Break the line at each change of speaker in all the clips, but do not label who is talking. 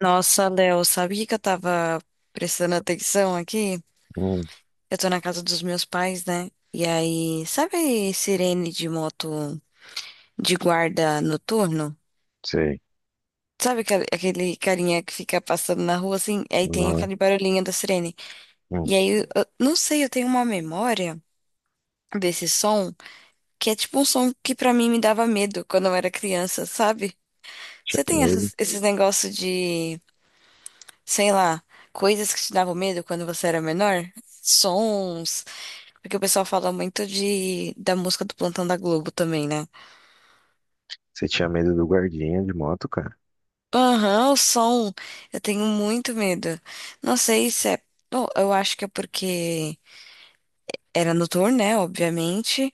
Nossa, Léo, sabia que eu tava prestando atenção aqui?
Hum,
Eu tô na casa dos meus pais, né? E aí, sabe sirene de moto de guarda noturno?
sei.
Sabe aquele carinha que fica passando na rua assim? Aí tem
Uhum.
aquele barulhinho da sirene.
Hum,
E aí, eu não sei, eu tenho uma memória desse som que é tipo um som que pra mim me dava medo quando eu era criança, sabe? Você
tinha
tem
medo.
esses negócios de, sei lá, coisas que te davam medo quando você era menor? Sons. Porque o pessoal fala muito de da música do Plantão da Globo também, né?
Você tinha medo do guardinha de moto, cara?
Aham, o som. Eu tenho muito medo. Não sei se é. Bom, eu acho que é porque era noturno, né? Obviamente.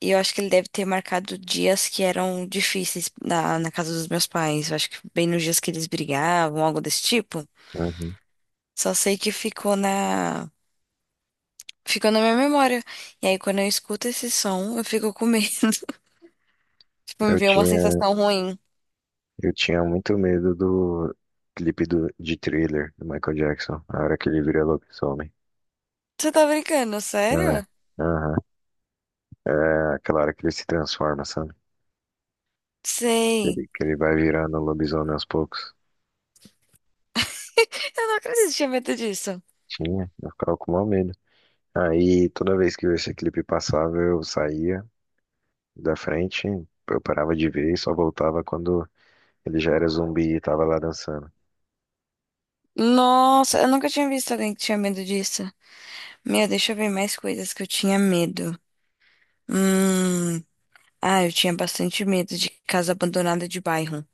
E eu acho que ele deve ter marcado dias que eram difíceis na casa dos meus pais. Eu acho que bem nos dias que eles brigavam, algo desse tipo.
Uhum.
Só sei que ficou na. Ficou na minha memória. E aí, quando eu escuto esse som, eu fico com medo. Tipo, me
Eu
vê uma
tinha,
sensação ruim.
eu tinha muito medo do clipe de Thriller, do Michael Jackson, a hora que ele vira lobisomem.
Você tá brincando,
É,
sério?
aham. É aquela hora que ele se transforma, sabe?
Sei.
Ele, que ele vai virando lobisomem aos poucos.
Eu não acredito que tinha medo disso.
Tinha, eu ficava com mau medo. Aí toda vez que esse clipe passava, eu saía da frente, eu parava de ver e só voltava quando ele já era zumbi e tava lá dançando.
Nossa, eu nunca tinha visto alguém que tinha medo disso. Meu, deixa eu ver mais coisas que eu tinha medo. Hum. Ah, eu tinha bastante medo de casa abandonada de bairro.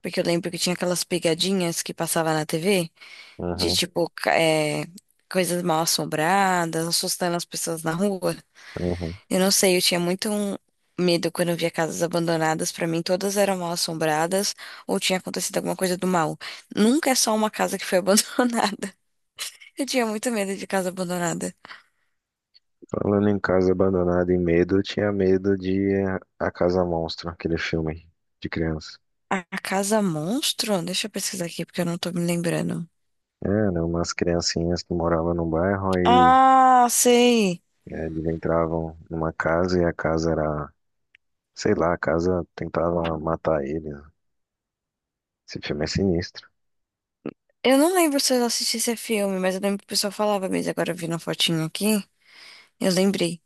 Porque eu lembro que tinha aquelas pegadinhas que passava na TV de
Uhum,
tipo, coisas mal assombradas, assustando as pessoas na rua.
uhum.
Eu não sei, eu tinha muito um medo quando eu via casas abandonadas. Pra mim, todas eram mal assombradas ou tinha acontecido alguma coisa do mal. Nunca é só uma casa que foi abandonada. Eu tinha muito medo de casa abandonada.
Falando em casa abandonada e medo, eu tinha medo de A Casa Monstro, aquele filme de criança.
A casa monstro? Deixa eu pesquisar aqui porque eu não tô me lembrando.
Era umas criancinhas que moravam num bairro, aí
Ah, sei.
eles entravam numa casa e a casa era, sei lá, a casa tentava matar eles. Esse filme é sinistro.
Eu não lembro se eu assisti esse filme, mas eu lembro que o pessoal falava mesmo. Agora eu vi na fotinho aqui, eu lembrei.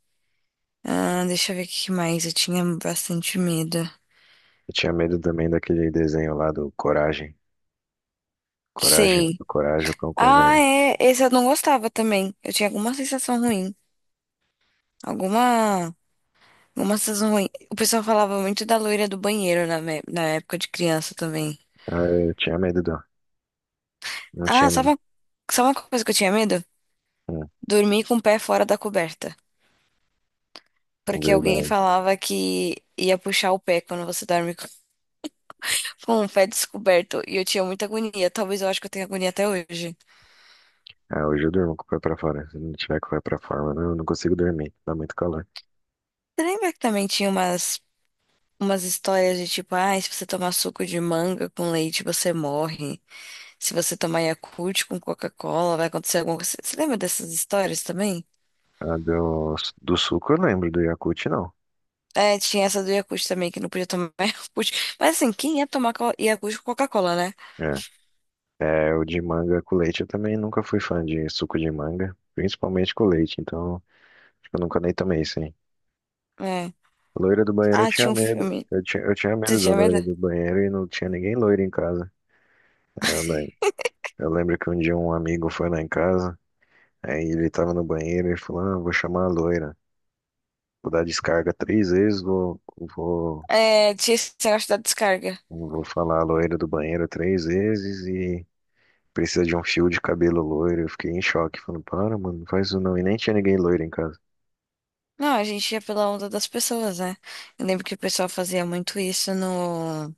Ah, deixa eu ver o que mais. Eu tinha bastante medo.
Eu tinha medo também daquele desenho lá do Coragem. Coragem,
Sim.
Coragem, o Cão
Ah,
Covarde.
é. Esse eu não gostava também. Eu tinha alguma sensação ruim. Alguma. Alguma sensação ruim. O pessoal falava muito da loira do banheiro na época de criança também.
Ah, eu tinha medo do. Não
Ah,
tinha nem.
sabe uma coisa que eu tinha medo?
Hum,
Dormir com o pé fora da coberta.
é
Porque alguém
verdade.
falava que ia puxar o pé quando você dorme com com o pé descoberto. E eu tinha muita agonia. Talvez eu acho que eu tenha agonia até hoje.
Ah, hoje eu durmo com o pé pra fora. Se não tiver com o pé pra fora, mano, eu não, consigo dormir. Dá muito calor.
Você lembra que também tinha umas. Umas histórias de tipo, ah, se você tomar suco de manga com leite, você morre. Se você tomar Yakult com Coca-Cola, vai acontecer alguma coisa. Você lembra dessas histórias também?
Ah, do suco eu lembro, do Yakult não.
É, tinha essa do Yakult também, que não podia tomar Yakult. Mas assim, quem ia tomar Yakult com Coca-Cola, né?
É. É, o de manga com leite eu também nunca fui fã de suco de manga, principalmente com leite, então acho que eu nunca nem tomei isso, hein.
É.
Loira do banheiro eu
Ah,
tinha
tinha um
medo.
filme.
Eu tinha
Você
medo da
tinha medo?
loira do banheiro e não tinha ninguém loira em casa. É, eu lembro que um dia um amigo foi lá em casa, aí ele tava no banheiro e falou: ah, vou chamar a loira. Vou dar descarga 3 vezes, vou,
É, tinha esse negócio da descarga.
Não vou falar a loira do banheiro 3 vezes e precisa de um fio de cabelo loiro. Eu fiquei em choque, falando, para, mano, não faz isso não. E nem tinha ninguém loiro em casa.
Não, a gente ia pela onda das pessoas, né? Eu lembro que o pessoal fazia muito isso no,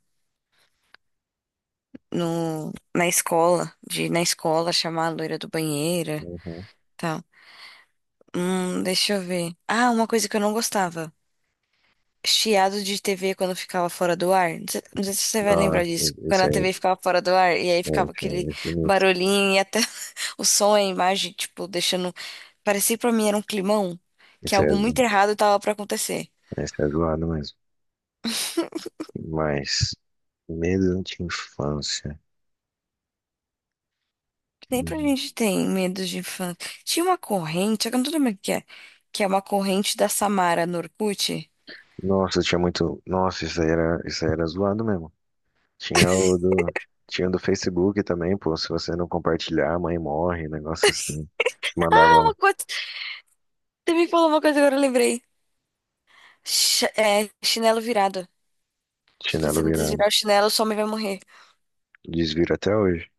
no, na escola, de ir na escola chamar a loira do banheiro,
Uhum.
tal. Deixa eu ver. Ah, uma coisa que eu não gostava. Chiado de TV quando ficava fora do ar. Não sei, não sei se você vai lembrar
Nossa,
disso. Quando
esse
a
é,
TV ficava fora do ar e aí ficava aquele
é, esse
barulhinho e até o som, a imagem, tipo, deixando. Parecia pra mim era um climão, que
esse é,
algo
zo-
muito errado tava pra acontecer.
esse é zoado mesmo. Mas, medo de infância.
Sempre a
Uhum.
gente tem medo de infância. Tinha uma corrente, só que eu não tô lembrando o que é uma corrente da Samara no Orkut.
Nossa, tinha muito. Nossa, isso aí era zoado mesmo. Tinha o do. Tinha o do Facebook também, pô. Se você não compartilhar, a mãe morre, um negócio assim.
Ah,
Mandava
uma coisa, você me falou uma coisa agora, eu lembrei. Chinelo virado. Se você
chinelo
não
virado.
desvirar o chinelo, sua mãe vai morrer.
Desviro até hoje.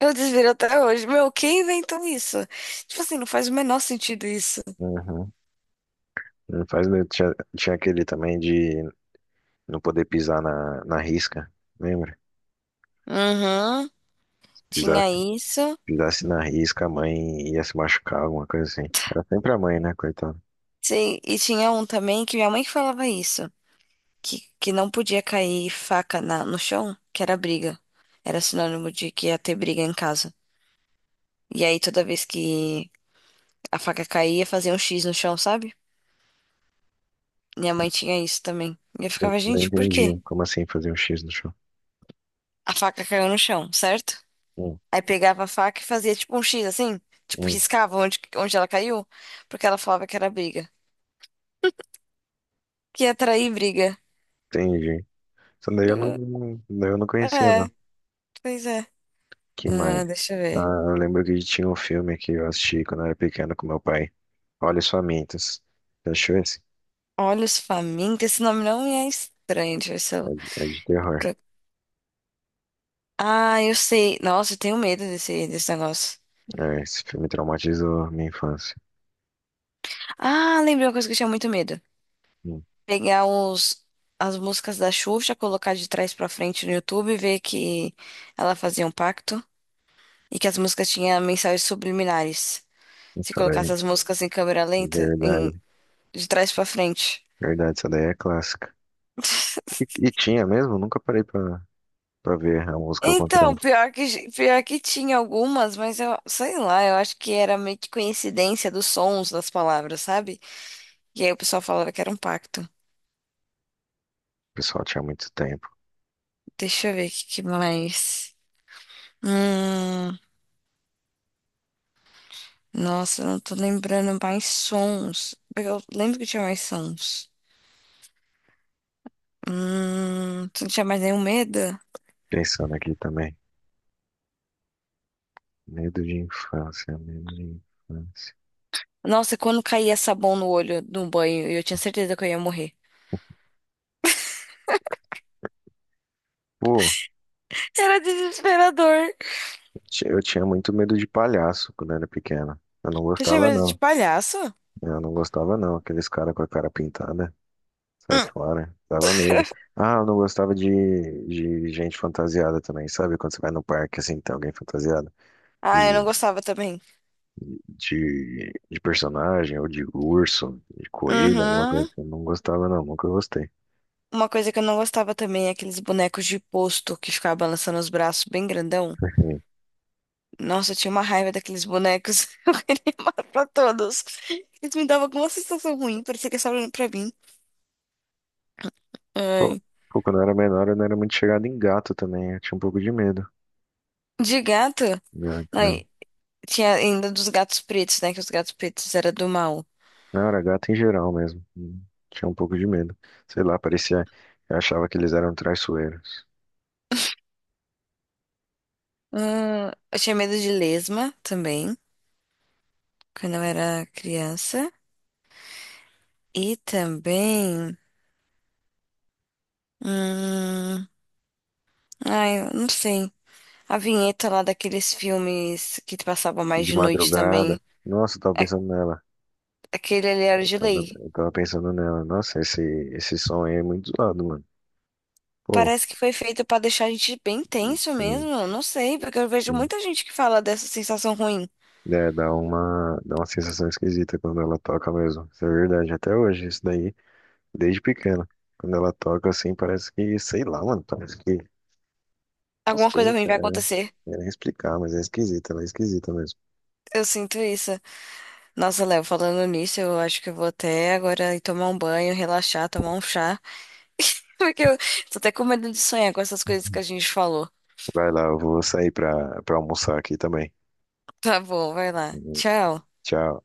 Eu desviro até hoje. Meu, quem inventou isso? Tipo assim, não faz o menor sentido isso.
Uhum. Não faz medo. Tinha aquele também de não poder pisar na risca, lembra?
Uhum,
Pisar,
tinha isso.
pisasse na risca, a mãe ia se machucar, alguma coisa assim. Era sempre a mãe, né, coitada?
Sim, e tinha um também que minha mãe que falava isso. Que não podia cair faca no chão, que era briga. Era sinônimo de que ia ter briga em casa. E aí toda vez que a faca caía, fazia um X no chão, sabe? Minha mãe tinha isso também. E eu
Eu
ficava,
não
gente, por quê?
entendi. Como assim fazer um X no chão?
A faca caiu no chão, certo?
Hum,
Aí pegava a faca e fazia tipo um X assim, tipo
hum,
riscava onde, onde ela caiu, porque ela falava que era briga. Que ia atrair briga.
entendi. Isso daí eu daí eu não conhecia,
É,
não.
pois é.
Que mais?
Ah, deixa eu ver.
Ah, eu lembro que tinha um filme que eu assisti quando eu era pequeno com meu pai. Olhos Famintos. Você achou esse?
Olhos famintos, esse nome não me é estranho, deixa eu ver se
É
eu...
é de terror.
pro- Ah, eu sei. Nossa, eu tenho medo desse, desse negócio.
É, esse filme traumatizou minha infância.
Ah, lembrei uma coisa que eu tinha muito medo.
Hum,
Pegar os, as músicas da Xuxa, colocar de trás pra frente no YouTube e ver que ela fazia um pacto e que as músicas tinham mensagens subliminares. Se
Essa daí,
colocasse as músicas em câmera
é
lenta,
verdade,
de trás pra frente.
verdade, essa daí é clássica. E tinha mesmo, nunca parei pra ver a música ao contrário.
Então,
O
pior que tinha algumas, mas eu sei lá, eu acho que era meio que coincidência dos sons das palavras, sabe? E aí o pessoal falava que era um pacto.
pessoal tinha muito tempo.
Deixa eu ver que mais. Hum, nossa, eu não tô lembrando mais sons. Eu lembro que tinha mais sons. Você não tinha mais nenhum medo?
Pensando aqui também. Medo de infância, medo de infância.
Nossa, quando caía sabão no olho no banho, eu tinha certeza que eu ia morrer.
Pô,
Era desesperador.
eu tinha muito medo de palhaço quando era pequena. Eu não
Tu tinha
gostava,
medo de
não.
palhaço?
Eu não gostava, não. Aqueles caras com a cara pintada, sai
Hum.
fora. Dava medo. Ah, eu não gostava de gente fantasiada também, sabe? Quando você vai no parque, assim, tem alguém fantasiado.
Ah, eu não gostava também.
De de personagem, ou de urso, de coelho, alguma coisa
Uhum.
que eu não gostava, não, nunca gostei.
Uma coisa que eu não gostava também é aqueles bonecos de posto que ficava balançando os braços bem grandão.
Enfim,
Nossa, eu tinha uma raiva daqueles bonecos. Eu queria matar pra todos. Eles me davam alguma sensação ruim, parecia que eles estavam olhando pra mim.
Pô,
Ai.
pô, quando eu era menor, eu não era muito chegado em gato também, eu tinha um pouco de medo.
De gato?
Gato, né?
Ai, tinha ainda dos gatos pretos, né? Que os gatos pretos eram do mal.
Não, era gato em geral mesmo. Hum, tinha um pouco de medo. Sei lá, parecia. Eu achava que eles eram traiçoeiros.
Eu tinha medo de lesma também, quando eu era criança. E também. hum, Ai, eu não sei. A vinheta lá daqueles filmes que passavam mais
De
de noite também.
madrugada. Nossa, eu tava
a-
pensando nela.
Aquele ali era
Eu
de
tava,
lei.
eu tava pensando nela. Nossa, esse som aí é muito zoado, mano. Pô,
Parece que foi feito pra deixar a gente bem tenso
hum,
mesmo. Eu não sei, porque eu vejo
hum.
muita gente que fala dessa sensação ruim.
É, dá dá uma sensação esquisita quando ela toca mesmo. Isso é verdade, até hoje, isso daí, desde pequeno. Quando ela toca assim, parece que, sei lá, mano, parece que. Não
Alguma coisa
sei,
ruim vai
cara,
acontecer.
é, é explicar, mas é esquisita, ela é esquisita mesmo.
Eu sinto isso. Nossa, Léo, falando nisso, eu acho que eu vou até agora ir tomar um banho, relaxar, tomar um chá. Porque eu tô até com medo de sonhar com essas coisas que a gente falou.
Vai lá, eu vou sair pra almoçar aqui também.
Tá bom, vai lá.
Uhum,
Tchau.
tchau.